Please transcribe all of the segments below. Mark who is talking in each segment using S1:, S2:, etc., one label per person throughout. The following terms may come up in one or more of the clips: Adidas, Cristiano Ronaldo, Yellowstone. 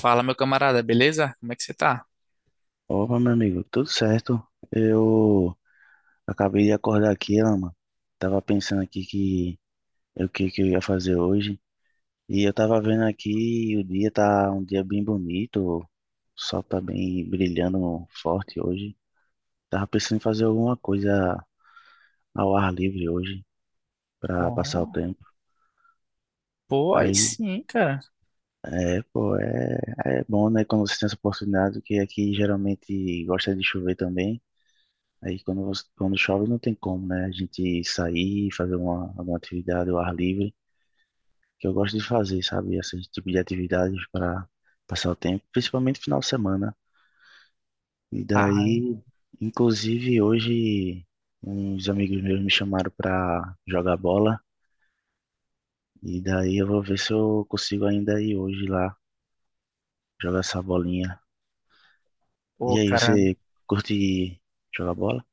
S1: Fala, meu camarada, beleza? Como é que você tá?
S2: Opa, meu amigo, tudo certo? Eu acabei de acordar aqui, Lama. Tava pensando aqui que o que que eu ia fazer hoje. E eu tava vendo aqui, o dia tá um dia bem bonito, o sol tá bem brilhando forte hoje. Tava pensando em fazer alguma coisa ao ar livre hoje pra passar o
S1: Oh,
S2: tempo.
S1: pô, aí
S2: Aí,
S1: sim, cara.
S2: é, pô, é, é bom, né, quando você tem essa oportunidade, que aqui geralmente gosta de chover também. Quando chove não tem como, né? A gente sair, fazer alguma atividade ao ar livre, que eu gosto de fazer, sabe? Esse tipo de atividades para passar o tempo, principalmente final de semana. E
S1: Ah,
S2: daí, inclusive hoje, uns amigos meus me chamaram para jogar bola, e daí eu vou ver se eu consigo ainda ir hoje lá jogar essa bolinha. E
S1: pô,
S2: aí,
S1: cara.
S2: você curte jogar bola?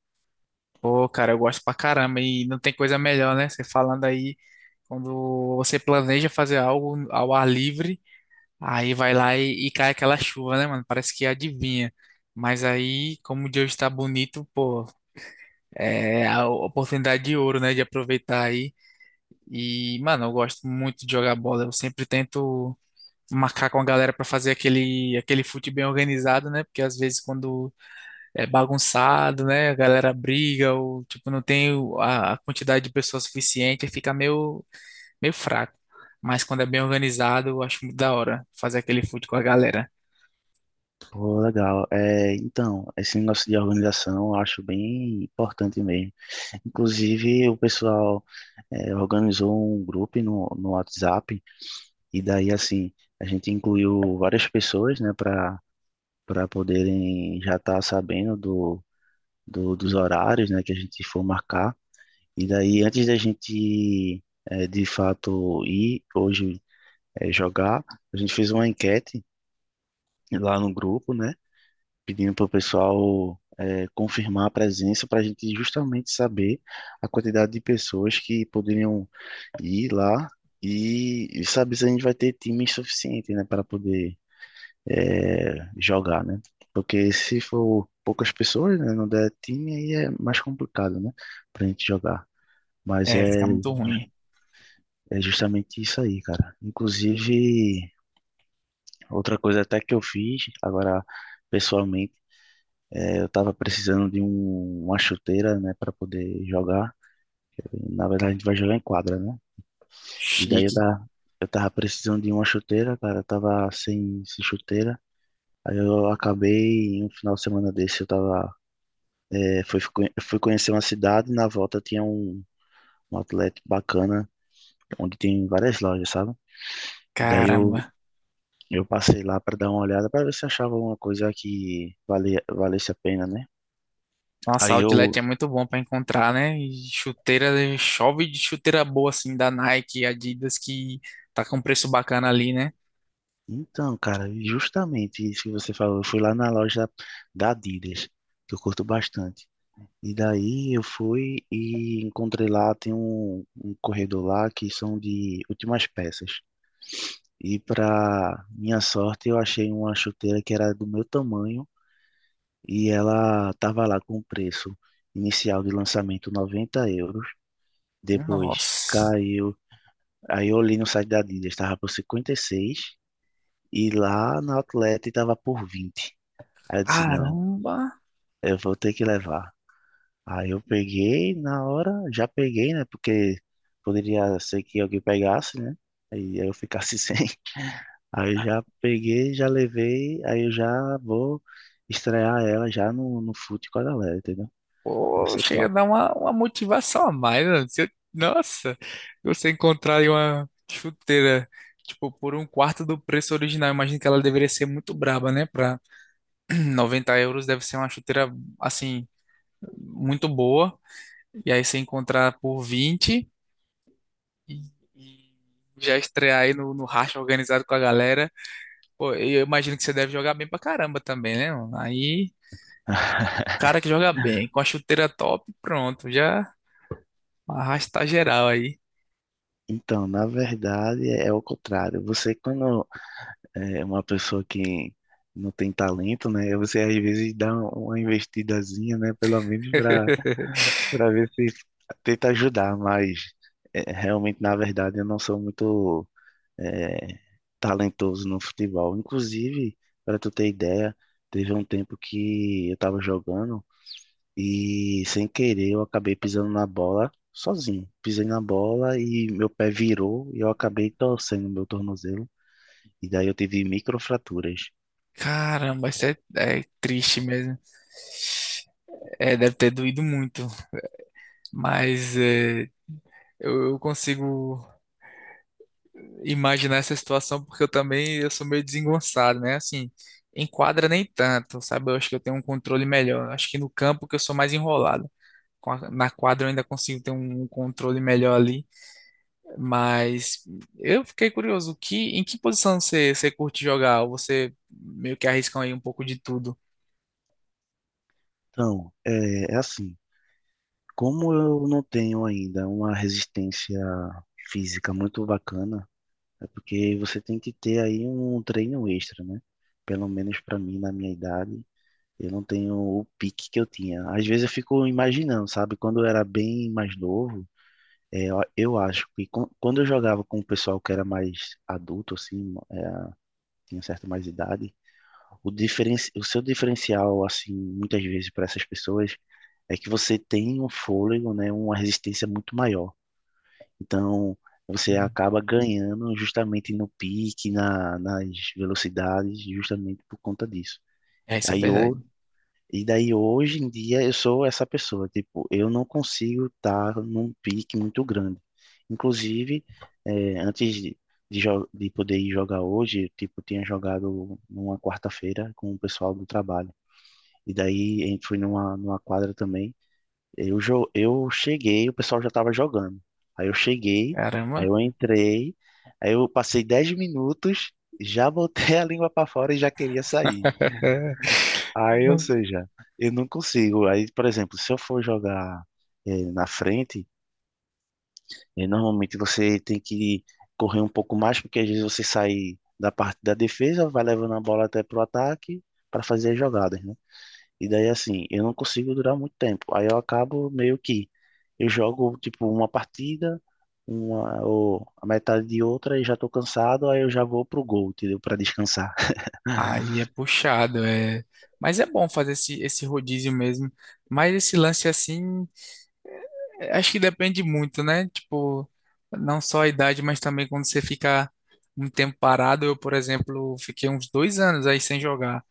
S1: Pô, cara, eu gosto pra caramba e não tem coisa melhor, né? Você falando aí, quando você planeja fazer algo ao ar livre, aí vai lá e cai aquela chuva, né, mano? Parece que adivinha. Mas aí, como o dia está bonito, pô, é a oportunidade de ouro, né, de aproveitar aí. E, mano, eu gosto muito de jogar bola. Eu sempre tento marcar com a galera pra fazer aquele fute bem organizado, né? Porque às vezes quando é bagunçado, né? A galera briga, ou tipo, não tem a quantidade de pessoas suficiente, aí fica meio fraco. Mas quando é bem organizado, eu acho muito da hora fazer aquele food com a galera.
S2: Pô, legal. É, então, esse negócio de organização eu acho bem importante mesmo. Inclusive, o pessoal organizou um grupo no WhatsApp e daí, assim, a gente incluiu várias pessoas, né, para poderem já estar sabendo dos horários, né, que a gente for marcar. E daí, antes da gente, de fato, ir hoje jogar, a gente fez uma enquete lá no grupo, né, pedindo para o pessoal confirmar a presença para a gente justamente saber a quantidade de pessoas que poderiam ir lá e saber se a gente vai ter time suficiente, né, para poder jogar, né? Porque se for poucas pessoas, né, não der time, aí é mais complicado, né, para a gente jogar. Mas
S1: É,
S2: é,
S1: fica
S2: ju-
S1: muito ruim.
S2: É justamente isso aí, cara. Inclusive, outra coisa até que eu fiz, agora pessoalmente, eu tava precisando de uma chuteira, né, para poder jogar. Na verdade, a gente vai jogar em quadra, né? E daí eu
S1: Chique.
S2: tava, eu tava precisando de uma chuteira, cara. Eu tava sem chuteira. Aí eu acabei, em um final de semana desse, eu tava. É, fui conhecer uma cidade. Na volta tinha um outlet bacana, onde tem várias lojas, sabe? E daí
S1: Caramba.
S2: eu passei lá pra dar uma olhada, pra ver se achava alguma coisa que valesse a pena, né?
S1: Nossa,
S2: Aí
S1: Outlet
S2: eu.
S1: é muito bom pra encontrar, né? E chuteira, chove de chuteira boa, assim, da Nike, Adidas, que tá com um preço bacana ali, né?
S2: Então, cara, justamente isso que você falou. Eu fui lá na loja da Adidas, que eu curto bastante. E daí eu fui e encontrei lá, tem um corredor lá que são de últimas peças. E para minha sorte, eu achei uma chuteira que era do meu tamanho e ela tava lá com o preço inicial de lançamento 90 euros. Depois
S1: Nossa.
S2: caiu, aí eu olhei no site da Adidas, estava por 56 e seis e lá na Outlet estava por 20. Aí eu disse, não,
S1: Caramba.
S2: eu vou ter que levar. Aí eu peguei, na hora, já peguei, né? Porque poderia ser que alguém pegasse, né? Aí eu ficasse sem. Aí eu já peguei, já levei, aí eu já vou estrear ela já no fute com a galera, entendeu? Vai
S1: Pô,
S2: ser
S1: chega a
S2: top.
S1: dar uma motivação a mais, mano. Se eu- Nossa, você encontrar aí uma chuteira, tipo, por um quarto do preço original, imagino que ela deveria ser muito braba, né? Pra 90 euros deve ser uma chuteira, assim, muito boa. E aí você encontrar por 20 e, e já estrear aí no racha organizado com a galera. Pô, e eu imagino que você deve jogar bem pra caramba também, né, mano? Aí, cara que joga bem, com a chuteira top, pronto, já arrasta geral aí.
S2: Então, na verdade, é o contrário. Você, quando é uma pessoa que não tem talento, né? Você às vezes dá uma investidazinha, né? Pelo menos para ver se tenta ajudar, mas realmente, na verdade, eu não sou muito é, talentoso no futebol. Inclusive, para tu ter ideia, teve um tempo que eu estava jogando e, sem querer, eu acabei pisando na bola sozinho. Pisei na bola e meu pé virou e eu acabei torcendo meu tornozelo. E daí eu tive microfraturas.
S1: Caramba, isso é, é triste mesmo. É, deve ter doído muito, mas é, eu consigo imaginar essa situação porque eu também eu sou meio desengonçado, né? Assim, em quadra nem tanto, sabe? Eu acho que eu tenho um controle melhor. Eu acho que no campo que eu sou mais enrolado. Na quadra eu ainda consigo ter um controle melhor ali, mas eu fiquei curioso, que em que posição você curte jogar? Ou você meio que arrisca aí um pouco de tudo?
S2: Então, é assim, como eu não tenho ainda uma resistência física muito bacana, é porque você tem que ter aí um treino extra, né? Pelo menos pra mim, na minha idade, eu não tenho o pique que eu tinha. Às vezes eu fico imaginando, sabe? Quando eu era bem mais novo, eu acho que quando eu jogava com o pessoal que era mais adulto, assim, tinha certa mais idade, o seu diferencial, assim, muitas vezes para essas pessoas é que você tem um fôlego, né? Uma resistência muito maior. Então, você acaba ganhando justamente no pique, nas velocidades, justamente por conta disso.
S1: É, isso é
S2: Aí, ho-
S1: verdade.
S2: e daí hoje em dia eu sou essa pessoa, tipo, eu não consigo estar num pique muito grande. Inclusive, antes de poder ir jogar hoje, tipo, eu tipo, tinha jogado numa quarta-feira com o pessoal do trabalho. E daí a gente foi numa quadra também. Eu cheguei, o pessoal já estava jogando. Aí eu cheguei, aí
S1: Caramba.
S2: eu entrei, aí eu passei 10 minutos, já botei a língua para fora e já queria sair. Aí, ou seja, eu não consigo. Aí, por exemplo, se eu for jogar na frente, normalmente você tem que correr um pouco mais, porque às vezes você sai da parte da defesa, vai levando a bola até pro ataque para fazer as jogadas, né? E daí, assim, eu não consigo durar muito tempo. Aí eu acabo meio que. Eu jogo, tipo, uma partida, uma, ou a metade de outra, e já tô cansado, aí eu já vou pro gol, entendeu? Pra descansar.
S1: Aí é puxado, é. Mas é bom fazer esse rodízio mesmo. Mas esse lance assim, é, acho que depende muito, né? Tipo, não só a idade, mas também quando você fica um tempo parado. Eu, por exemplo, fiquei uns 2 anos aí sem jogar.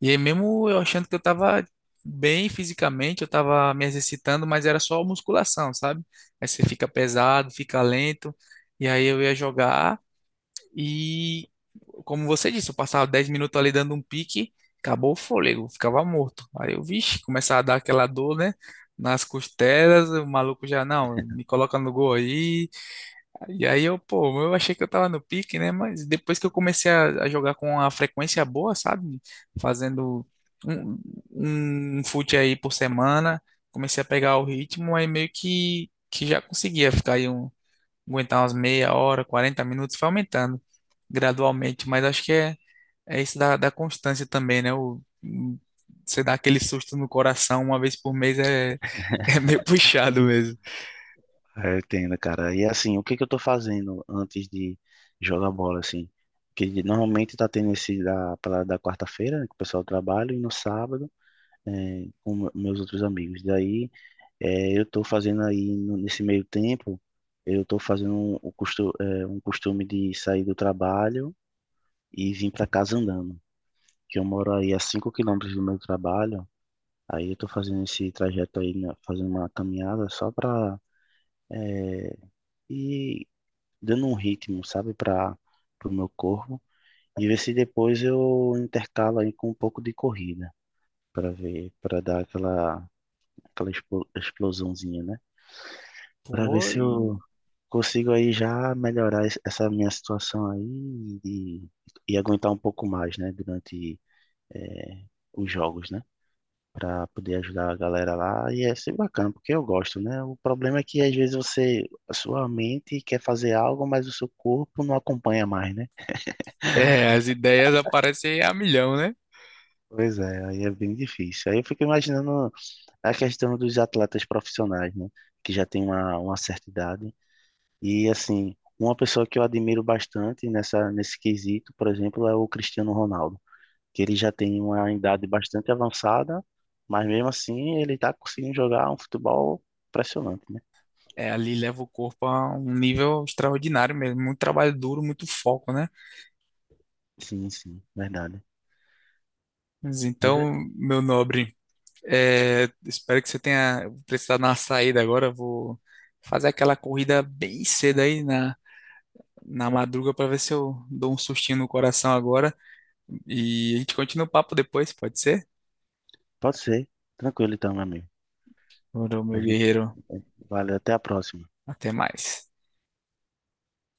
S1: E aí mesmo eu achando que eu tava bem fisicamente, eu tava me exercitando, mas era só musculação, sabe? Aí você fica pesado, fica lento. E aí eu ia jogar. E, como você disse, eu passava 10 minutos ali dando um pique, acabou o fôlego, ficava morto. Aí eu, vixe, começava a dar aquela dor, né? Nas costelas, o maluco já, não, me coloca no gol aí. E aí eu, pô, eu achei que eu tava no pique, né? Mas depois que eu comecei a jogar com a frequência boa, sabe? Fazendo um, um fute aí por semana, comecei a pegar o ritmo, aí meio que já conseguia ficar aí um aguentar umas meia hora, 40 minutos, foi aumentando gradualmente, mas acho que é, é isso da constância também, né? Você dá aquele susto no coração uma vez por mês é, é meio puxado mesmo.
S2: É, eu entendo, cara. E assim, o que que eu tô fazendo antes de jogar bola, assim? Que normalmente tá tendo da quarta-feira, né, que o pessoal trabalha, e no sábado, com meus outros amigos. Daí é, eu estou fazendo aí, nesse meio tempo, eu estou fazendo um um costume de sair do trabalho e vir para casa andando, que eu moro aí a 5 quilômetros do meu trabalho, aí eu estou fazendo esse trajeto aí, né, fazendo uma caminhada só para ir dando um ritmo, sabe, para o meu corpo, e ver se depois eu intercalo aí com um pouco de corrida, para ver, para dar aquela explosãozinha, né? Para ver
S1: Pô,
S2: se eu consigo aí já melhorar essa minha situação aí e aguentar um pouco mais, né, durante eh, os jogos, né, para poder ajudar a galera lá. E é sempre bacana, porque eu gosto, né? O problema é que às vezes você, a sua mente quer fazer algo, mas o seu corpo não acompanha mais, né?
S1: é, as ideias aparecem a milhão, né?
S2: Pois é, aí é bem difícil. Aí eu fico imaginando a questão dos atletas profissionais, né, que já tem uma certa idade. E assim, uma pessoa que eu admiro bastante nessa nesse quesito, por exemplo, é o Cristiano Ronaldo, que ele já tem uma idade bastante avançada, mas mesmo assim ele está conseguindo jogar um futebol impressionante, né?
S1: É, ali leva o corpo a um nível extraordinário mesmo, muito trabalho duro, muito foco, né?
S2: Sim, sim, verdade.
S1: Mas
S2: Mas é-
S1: então, meu nobre, é, espero que você tenha precisado dar uma saída agora. Vou fazer aquela corrida bem cedo aí na madruga para ver se eu dou um sustinho no coração agora. E a gente continua o papo depois, pode ser?
S2: pode ser. Tranquilo então, meu amigo.
S1: Ora,
S2: A
S1: meu
S2: gente,
S1: guerreiro,
S2: valeu, até a próxima.
S1: até mais.